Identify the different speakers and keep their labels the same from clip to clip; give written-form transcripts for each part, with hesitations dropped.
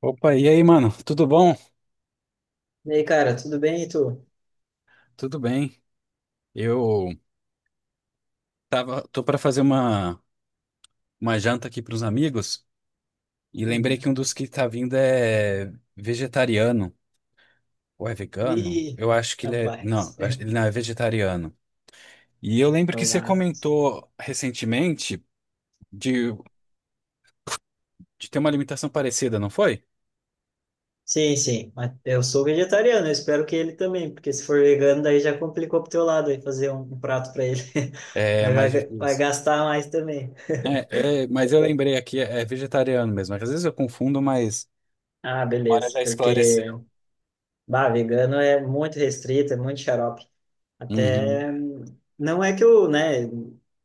Speaker 1: Opa, e aí, mano? Tudo bom?
Speaker 2: E aí, cara, tudo bem, e tu?
Speaker 1: Tudo bem. Eu tô para fazer uma janta aqui para os amigos e lembrei que
Speaker 2: Uhum.
Speaker 1: um dos que tá vindo é vegetariano ou é vegano?
Speaker 2: Ih,
Speaker 1: Eu acho que ele é, não,
Speaker 2: rapaz,
Speaker 1: ele não é vegetariano. E eu lembro que você
Speaker 2: tomar.
Speaker 1: comentou recentemente de, de ter uma alimentação parecida, não foi?
Speaker 2: Sim, sim, mas eu sou vegetariano, eu espero que ele também, porque se for vegano, daí já complicou pro teu lado, aí fazer um prato pra ele,
Speaker 1: É
Speaker 2: aí vai,
Speaker 1: mais
Speaker 2: vai
Speaker 1: difícil.
Speaker 2: gastar mais também.
Speaker 1: Mas eu lembrei aqui, é vegetariano mesmo. Às vezes eu confundo, mas
Speaker 2: Ah,
Speaker 1: a memória
Speaker 2: beleza,
Speaker 1: já
Speaker 2: porque,
Speaker 1: esclareceu.
Speaker 2: bah, vegano é muito restrito, é muito xarope.
Speaker 1: Uhum.
Speaker 2: Até não é que eu, né,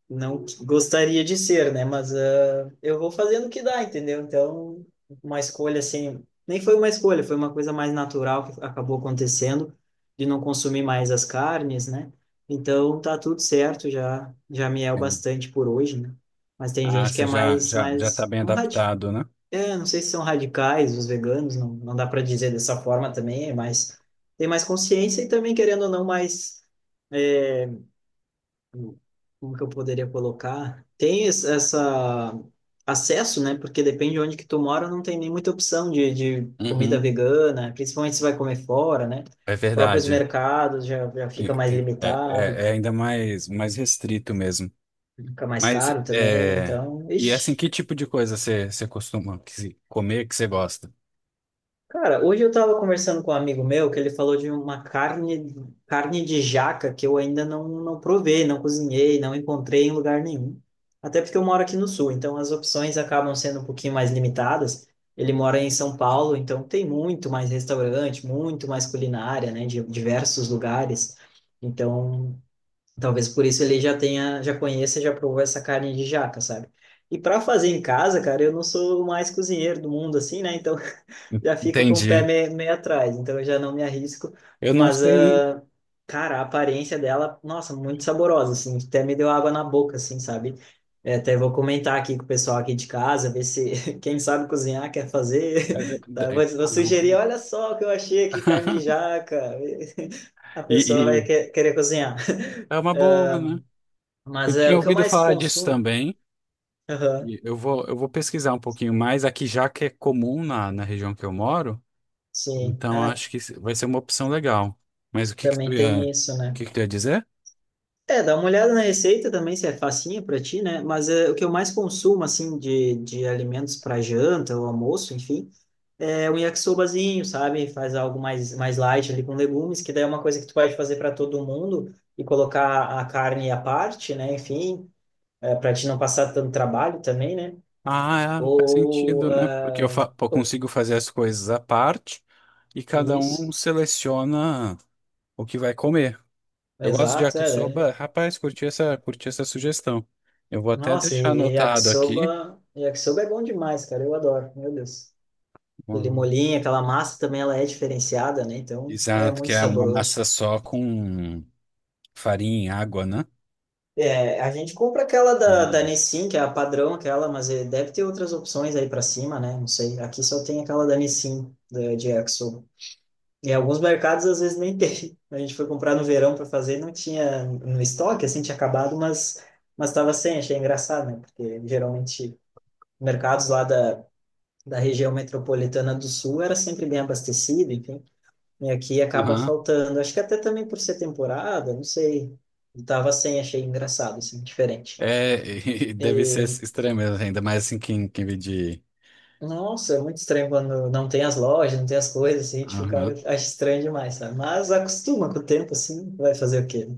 Speaker 2: não gostaria de ser, né, mas eu vou fazendo o que dá, entendeu? Então, uma escolha assim, nem foi uma escolha, foi uma coisa mais natural que acabou acontecendo de não consumir mais as carnes, né? Então, tá tudo certo, já já me é o bastante por hoje, né? Mas tem
Speaker 1: Ah,
Speaker 2: gente que
Speaker 1: você
Speaker 2: é mais
Speaker 1: já tá
Speaker 2: mais
Speaker 1: bem
Speaker 2: não radi
Speaker 1: adaptado, né?
Speaker 2: é, não sei se são radicais os veganos, não dá para dizer dessa forma também, é mais tem mais consciência e também querendo ou não mais como que eu poderia colocar? Tem essa acesso, né? Porque depende de onde que tu mora, não tem nem muita opção de, comida
Speaker 1: Uhum,
Speaker 2: vegana, principalmente se vai comer fora, né?
Speaker 1: é
Speaker 2: Próprios
Speaker 1: verdade.
Speaker 2: mercados já fica mais limitado,
Speaker 1: É ainda mais restrito mesmo.
Speaker 2: fica mais
Speaker 1: Mas,
Speaker 2: caro também,
Speaker 1: é...
Speaker 2: então,
Speaker 1: E assim,
Speaker 2: ixi.
Speaker 1: que tipo de coisa você costuma que se- comer que você gosta?
Speaker 2: Cara, hoje eu tava conversando com um amigo meu que ele falou de uma carne, de jaca que eu ainda não provei, não cozinhei, não encontrei em lugar nenhum. Até porque eu moro aqui no sul, então as opções acabam sendo um pouquinho mais limitadas. Ele mora em São Paulo, então tem muito mais restaurante, muito mais culinária, né, de diversos lugares. Então, talvez por isso ele já tenha, já conheça, já provou essa carne de jaca, sabe? E para fazer em casa, cara, eu não sou o mais cozinheiro do mundo, assim, né? Então já fico com o pé
Speaker 1: Entendi.
Speaker 2: meio atrás, então eu já não me arrisco.
Speaker 1: Eu não
Speaker 2: Mas,
Speaker 1: sei nem...
Speaker 2: cara, a aparência dela, nossa, muito saborosa, assim, até me deu água na boca, assim, sabe? É, até vou comentar aqui com o pessoal aqui de casa, ver se quem sabe cozinhar quer
Speaker 1: É
Speaker 2: fazer. Tá? Vou,
Speaker 1: verdade.
Speaker 2: vou
Speaker 1: Ah.
Speaker 2: sugerir, olha só o que eu achei aqui, carne de jaca. A pessoa vai
Speaker 1: E
Speaker 2: querer cozinhar.
Speaker 1: é uma boa, né? Eu
Speaker 2: Mas é
Speaker 1: tinha
Speaker 2: o que eu
Speaker 1: ouvido
Speaker 2: mais
Speaker 1: falar disso
Speaker 2: consumo.
Speaker 1: também.
Speaker 2: Aham.
Speaker 1: Eu vou pesquisar um pouquinho mais aqui, já que é comum na região que eu moro.
Speaker 2: Sim.
Speaker 1: Então
Speaker 2: Ah,
Speaker 1: acho que vai ser uma opção legal. Mas
Speaker 2: também
Speaker 1: o
Speaker 2: tem isso, né?
Speaker 1: que que tu ia dizer?
Speaker 2: É, dá uma olhada na receita também, se é facinha para ti, né? Mas é, o que eu mais consumo, assim, de, alimentos para janta ou almoço, enfim, é um yakisobazinho, sabe? Faz algo mais light ali com legumes, que daí é uma coisa que tu pode fazer para todo mundo e colocar a carne à parte, né? Enfim, é, para te não passar tanto trabalho também, né?
Speaker 1: Ah, é, faz
Speaker 2: Ou.
Speaker 1: sentido, né? Porque pô,
Speaker 2: Oh,
Speaker 1: consigo fazer as coisas à parte e cada um
Speaker 2: isso,
Speaker 1: seleciona o que vai comer. Eu gosto de
Speaker 2: exato, é, né.
Speaker 1: yakisoba. Rapaz, curti essa sugestão. Eu vou até
Speaker 2: Nossa,
Speaker 1: deixar
Speaker 2: e
Speaker 1: anotado aqui.
Speaker 2: yakisoba, yakisoba é bom demais, cara. Eu adoro, meu Deus, ele
Speaker 1: Hum,
Speaker 2: molhinho, aquela massa também, ela é diferenciada, né? Então, é
Speaker 1: Exato, que
Speaker 2: muito
Speaker 1: é uma
Speaker 2: saboroso.
Speaker 1: massa só com farinha e água, né?
Speaker 2: É, a gente compra aquela da
Speaker 1: Hum.
Speaker 2: Nissin, que é a padrão, aquela, mas deve ter outras opções aí pra cima, né? Não sei. Aqui só tem aquela da Nissin, de yakisoba. E alguns mercados, às vezes, nem tem. A gente foi comprar no verão para fazer, não tinha no estoque, assim, tinha acabado, mas estava sem. Achei engraçado, né? Porque geralmente mercados lá da região metropolitana do Sul era sempre bem abastecido, enfim, e aqui acaba
Speaker 1: Aham.
Speaker 2: faltando. Acho que até também por ser temporada, não sei. Eu tava sem, achei engraçado, assim, diferente.
Speaker 1: É, deve ser estranho mesmo, ainda mais assim quem vê de...
Speaker 2: Nossa, é muito estranho quando não tem as lojas, não tem as coisas, assim, tipo, o cara acha estranho demais, sabe? Mas acostuma com o tempo, assim, vai fazer o quê, né?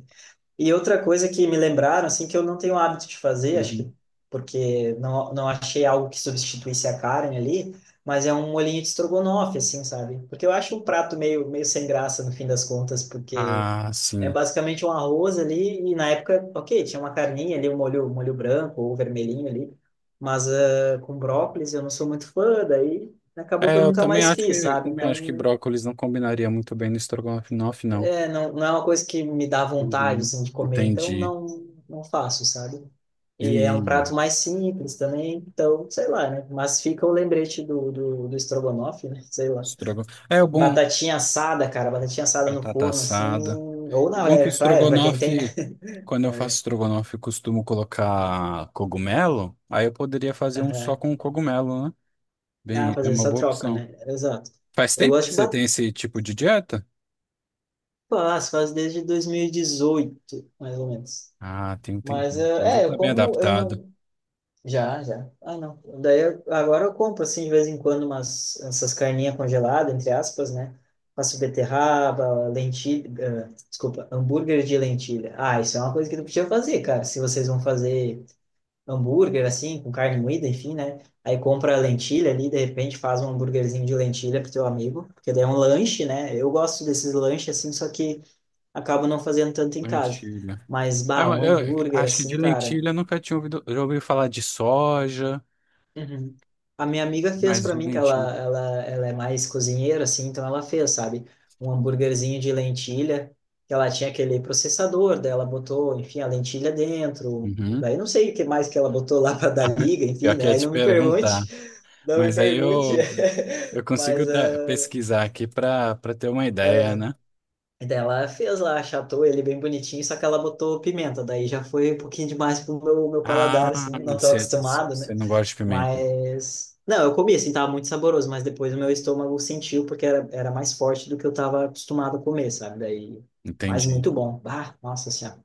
Speaker 2: E outra coisa que me lembraram, assim, que eu não tenho hábito de fazer, acho
Speaker 1: Uhum.
Speaker 2: que porque não, achei algo que substituísse a carne ali, mas é um molhinho de estrogonofe, assim, sabe? Porque eu acho o prato meio, sem graça no fim das contas, porque
Speaker 1: Ah,
Speaker 2: é
Speaker 1: sim.
Speaker 2: basicamente um arroz ali, e na época, ok, tinha uma carninha ali, um molho branco ou vermelhinho ali, mas com brócolis eu não sou muito fã, daí acabou que
Speaker 1: É,
Speaker 2: eu
Speaker 1: eu
Speaker 2: nunca
Speaker 1: também
Speaker 2: mais
Speaker 1: acho
Speaker 2: fiz,
Speaker 1: que
Speaker 2: sabe? Então
Speaker 1: brócolis não combinaria muito bem no estrogonofe, não.
Speaker 2: é, não, não é uma coisa que me dá vontade,
Speaker 1: Uhum.
Speaker 2: assim, de comer, então
Speaker 1: Entendi.
Speaker 2: não, não, faço, sabe? E é
Speaker 1: E
Speaker 2: um prato mais simples também, então, sei lá, né? Mas fica o lembrete do estrogonofe, né? Sei lá.
Speaker 1: estrogonofe. É o bom
Speaker 2: Batatinha assada, cara, batatinha assada no
Speaker 1: batata
Speaker 2: forno, assim,
Speaker 1: assada.
Speaker 2: ou
Speaker 1: E o
Speaker 2: na
Speaker 1: bom é que o
Speaker 2: air fryer, pra quem tem, né?
Speaker 1: estrogonofe, quando eu faço
Speaker 2: É.
Speaker 1: estrogonofe, eu costumo colocar cogumelo. Aí eu poderia fazer um só
Speaker 2: Aham.
Speaker 1: com cogumelo, né?
Speaker 2: Ah,
Speaker 1: Bem, é
Speaker 2: fazer
Speaker 1: uma
Speaker 2: essa
Speaker 1: boa
Speaker 2: troca,
Speaker 1: opção.
Speaker 2: né? Exato.
Speaker 1: Faz
Speaker 2: Eu
Speaker 1: tempo
Speaker 2: gosto
Speaker 1: que
Speaker 2: de
Speaker 1: você
Speaker 2: batata,
Speaker 1: tem esse tipo de dieta?
Speaker 2: faz desde 2018, mais ou menos.
Speaker 1: Ah, tem um tempo.
Speaker 2: Mas,
Speaker 1: Então já
Speaker 2: é, eu
Speaker 1: tá bem
Speaker 2: como, eu
Speaker 1: adaptado.
Speaker 2: não. Já, já. Ah, não. Daí agora eu compro assim de vez em quando umas essas carninhas congeladas, entre aspas, né? Faço beterraba, lentilha, ah, desculpa, hambúrguer de lentilha. Ah, isso é uma coisa que tu podia fazer, cara. Se vocês vão fazer hambúrguer assim, com carne moída, enfim, né? Aí compra a lentilha ali, de repente faz um hambúrguerzinho de lentilha pro teu amigo, porque daí é um lanche, né? Eu gosto desses lanches assim, só que acabo não fazendo tanto em casa.
Speaker 1: Lentilha.
Speaker 2: Mas, bah,
Speaker 1: Eu,
Speaker 2: um
Speaker 1: eu
Speaker 2: hambúrguer
Speaker 1: acho que de
Speaker 2: assim, cara.
Speaker 1: lentilha eu nunca tinha ouvido, já ouvi falar de soja,
Speaker 2: Uhum. A minha amiga fez
Speaker 1: mas
Speaker 2: para
Speaker 1: de
Speaker 2: mim que
Speaker 1: lentilha.
Speaker 2: ela é mais cozinheira, assim, então ela fez, sabe, um hambúrguerzinho de lentilha, que ela tinha aquele processador, daí ela botou, enfim, a lentilha dentro,
Speaker 1: Uhum.
Speaker 2: daí não sei o que mais que ela botou lá para dar liga, enfim,
Speaker 1: Eu
Speaker 2: né?
Speaker 1: queria
Speaker 2: Aí
Speaker 1: te
Speaker 2: não me pergunte,
Speaker 1: perguntar,
Speaker 2: não me
Speaker 1: mas
Speaker 2: pergunte,
Speaker 1: eu consigo
Speaker 2: mas
Speaker 1: pesquisar aqui para ter uma ideia, né?
Speaker 2: daí ela fez lá, achatou ele bem bonitinho, só que ela botou pimenta, daí já foi um pouquinho demais pro meu,
Speaker 1: Ah,
Speaker 2: paladar, assim, não tô
Speaker 1: você
Speaker 2: acostumado, né?
Speaker 1: você não gosta de pimenta.
Speaker 2: Mas. Não, eu comi, assim, tava muito saboroso, mas depois o meu estômago sentiu porque era mais forte do que eu tava acostumado a comer, sabe? Daí. Mas
Speaker 1: Entendi.
Speaker 2: muito bom. Ah, nossa senhora.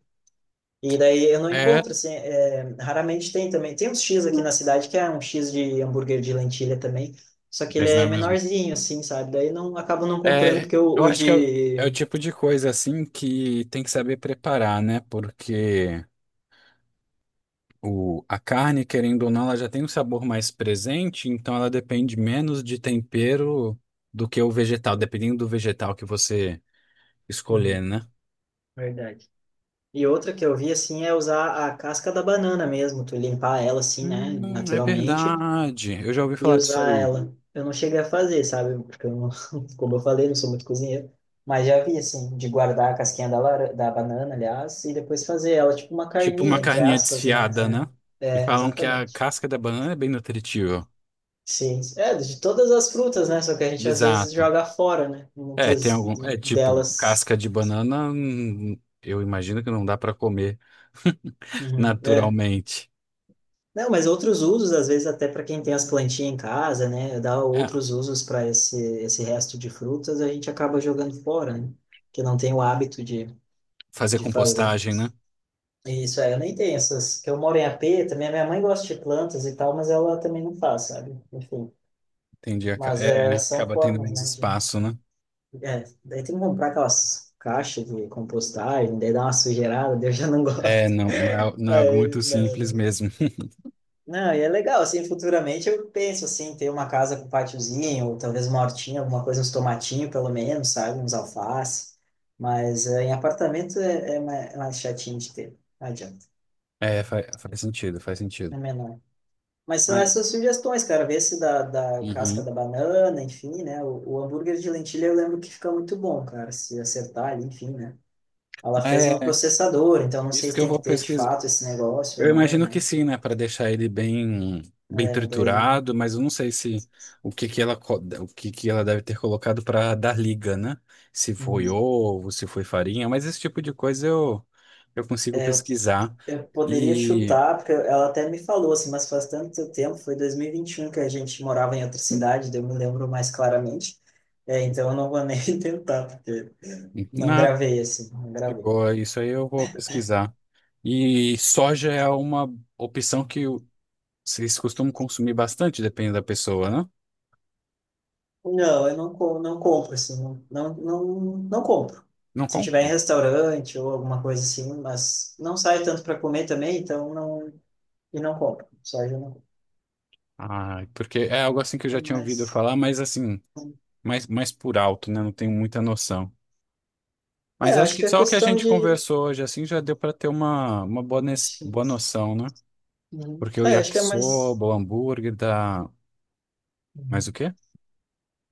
Speaker 2: E daí eu não
Speaker 1: É,
Speaker 2: encontro, assim, é, raramente tem também. Tem uns X aqui na cidade que é um X de hambúrguer de lentilha também, só que ele
Speaker 1: mas não
Speaker 2: é
Speaker 1: é mesmo.
Speaker 2: menorzinho, assim, sabe? Daí não acabo não comprando
Speaker 1: É,
Speaker 2: porque o,
Speaker 1: eu
Speaker 2: o
Speaker 1: acho que é o
Speaker 2: de.
Speaker 1: tipo de coisa assim que tem que saber preparar, né? Porque a carne, querendo ou não, ela já tem um sabor mais presente, então ela depende menos de tempero do que o vegetal, dependendo do vegetal que você escolher,
Speaker 2: Uhum,
Speaker 1: né?
Speaker 2: verdade. E outra que eu vi assim é usar a casca da banana mesmo, tu limpar ela assim, né,
Speaker 1: É
Speaker 2: naturalmente,
Speaker 1: verdade. Eu já ouvi
Speaker 2: e
Speaker 1: falar disso
Speaker 2: usar
Speaker 1: aí.
Speaker 2: ela. Eu não cheguei a fazer, sabe? Porque eu não, como eu falei, não sou muito cozinheiro, mas já vi assim, de guardar a casquinha da, da banana, aliás, e depois fazer ela tipo uma
Speaker 1: Tipo uma
Speaker 2: carninha, entre
Speaker 1: carninha
Speaker 2: aspas,
Speaker 1: desfiada, né?
Speaker 2: né? É,
Speaker 1: E
Speaker 2: é,
Speaker 1: falam que a
Speaker 2: exatamente.
Speaker 1: casca da banana é bem nutritiva.
Speaker 2: Sim, é de todas as frutas, né? Só que a gente às vezes
Speaker 1: Exato.
Speaker 2: joga fora, né?
Speaker 1: É, tem
Speaker 2: Muitas
Speaker 1: algum. É tipo,
Speaker 2: delas.
Speaker 1: casca de banana, eu imagino que não dá pra comer
Speaker 2: Uhum. É.
Speaker 1: naturalmente.
Speaker 2: Não, mas outros usos, às vezes até para quem tem as plantinhas em casa, né, dá
Speaker 1: É,
Speaker 2: outros usos para esse, resto de frutas, a gente acaba jogando fora, né, que não tem o hábito de,
Speaker 1: fazer
Speaker 2: de fazer.
Speaker 1: compostagem, né?
Speaker 2: E isso aí, eu nem tenho essas, que eu moro em AP, também a minha mãe gosta de plantas e tal, mas ela também não faz, sabe? Enfim,
Speaker 1: Entendi.
Speaker 2: mas
Speaker 1: É,
Speaker 2: são
Speaker 1: acaba tendo
Speaker 2: formas,
Speaker 1: menos
Speaker 2: né, de.
Speaker 1: espaço, né?
Speaker 2: É, daí tem que comprar aquelas caixas de compostagem, daí dá uma sujeirada, daí eu já não
Speaker 1: É,
Speaker 2: gosto.
Speaker 1: não é, não é algo
Speaker 2: É,
Speaker 1: muito simples
Speaker 2: né,
Speaker 1: mesmo.
Speaker 2: não, e é legal, assim, futuramente eu penso, assim, ter uma casa com pátiozinho ou talvez uma hortinha, alguma coisa, uns tomatinhos pelo menos, sabe? Uns alface. Mas em apartamento é mais chatinho de ter, não adianta,
Speaker 1: É, faz sentido, faz
Speaker 2: é
Speaker 1: sentido.
Speaker 2: menor. Mas são
Speaker 1: Mas,
Speaker 2: essas sugestões, cara, ver se da casca
Speaker 1: uhum.
Speaker 2: da banana, enfim, né? O hambúrguer de lentilha eu lembro que fica muito bom, cara, se acertar ali, enfim, né? Ela fez no
Speaker 1: É,
Speaker 2: processador, então não sei
Speaker 1: isso
Speaker 2: se
Speaker 1: que eu
Speaker 2: tem que
Speaker 1: vou
Speaker 2: ter de
Speaker 1: pesquisar.
Speaker 2: fato esse negócio ou
Speaker 1: Eu
Speaker 2: não,
Speaker 1: imagino que
Speaker 2: né?
Speaker 1: sim, né? Para deixar ele bem
Speaker 2: É, daí.
Speaker 1: triturado, mas eu não sei se o que que ela deve ter colocado para dar liga, né? Se foi
Speaker 2: Uhum.
Speaker 1: ovo, se foi farinha, mas esse tipo de coisa eu consigo
Speaker 2: É,
Speaker 1: pesquisar.
Speaker 2: eu poderia
Speaker 1: E.
Speaker 2: chutar, porque ela até me falou assim, mas faz tanto tempo, foi dois mil e vinte e um que a gente morava em outra cidade, daí eu me lembro mais claramente. É, então eu não vou nem tentar, porque não
Speaker 1: Nada.
Speaker 2: gravei assim, não
Speaker 1: De
Speaker 2: gravei.
Speaker 1: boa, isso aí eu vou pesquisar. E soja é uma opção vocês costumam consumir bastante, depende da pessoa, né?
Speaker 2: Não, eu não, não compro assim, não, não, não, não compro.
Speaker 1: Não
Speaker 2: Se tiver em
Speaker 1: compram.
Speaker 2: restaurante ou alguma coisa assim, mas não saio tanto para comer também, então não, e não compro. Soja eu não compro.
Speaker 1: Ah, porque é algo assim que eu
Speaker 2: É
Speaker 1: já tinha ouvido
Speaker 2: mais.
Speaker 1: falar, mas assim, mais por alto, né? Não tenho muita noção.
Speaker 2: É,
Speaker 1: Mas acho
Speaker 2: acho
Speaker 1: que
Speaker 2: que é
Speaker 1: só o que a
Speaker 2: questão
Speaker 1: gente
Speaker 2: de.
Speaker 1: conversou hoje, assim, já deu para ter uma boa,
Speaker 2: Sim.
Speaker 1: boa noção, né?
Speaker 2: Uhum.
Speaker 1: Porque o
Speaker 2: É, acho que é mais.
Speaker 1: yakisoba, o hambúrguer dá mais o quê?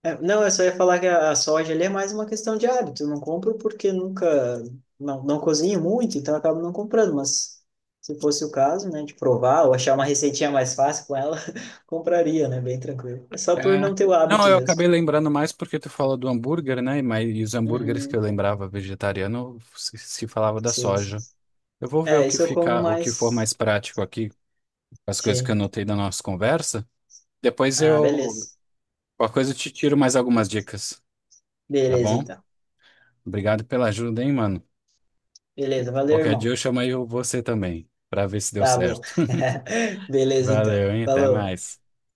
Speaker 2: É, não, eu só ia falar que a, soja ali é mais uma questão de hábito. Eu não compro porque nunca, não cozinho muito, então eu acabo não comprando. Mas se fosse o caso, né, de provar ou achar uma receitinha mais fácil com ela, compraria, né, bem tranquilo. É só por
Speaker 1: É.
Speaker 2: não ter o
Speaker 1: Não,
Speaker 2: hábito
Speaker 1: eu
Speaker 2: mesmo.
Speaker 1: acabei lembrando mais porque tu fala do hambúrguer, né? Mas e os hambúrgueres que eu
Speaker 2: Uhum.
Speaker 1: lembrava vegetariano se falava da
Speaker 2: Sim, sim.
Speaker 1: soja. Eu vou ver o
Speaker 2: É,
Speaker 1: que
Speaker 2: isso eu como
Speaker 1: fica, o que for mais
Speaker 2: mais.
Speaker 1: prático aqui, as coisas que eu
Speaker 2: Sim.
Speaker 1: anotei da nossa conversa. Depois
Speaker 2: Ah, beleza.
Speaker 1: qualquer coisa eu te tiro mais algumas dicas, tá
Speaker 2: Beleza,
Speaker 1: bom?
Speaker 2: então.
Speaker 1: Obrigado pela ajuda, hein, mano.
Speaker 2: Beleza, valeu,
Speaker 1: Qualquer dia
Speaker 2: irmão.
Speaker 1: eu chamo aí você também, pra ver se deu
Speaker 2: Tá bom.
Speaker 1: certo.
Speaker 2: Beleza,
Speaker 1: Valeu,
Speaker 2: então.
Speaker 1: hein? Até
Speaker 2: Falou.
Speaker 1: mais.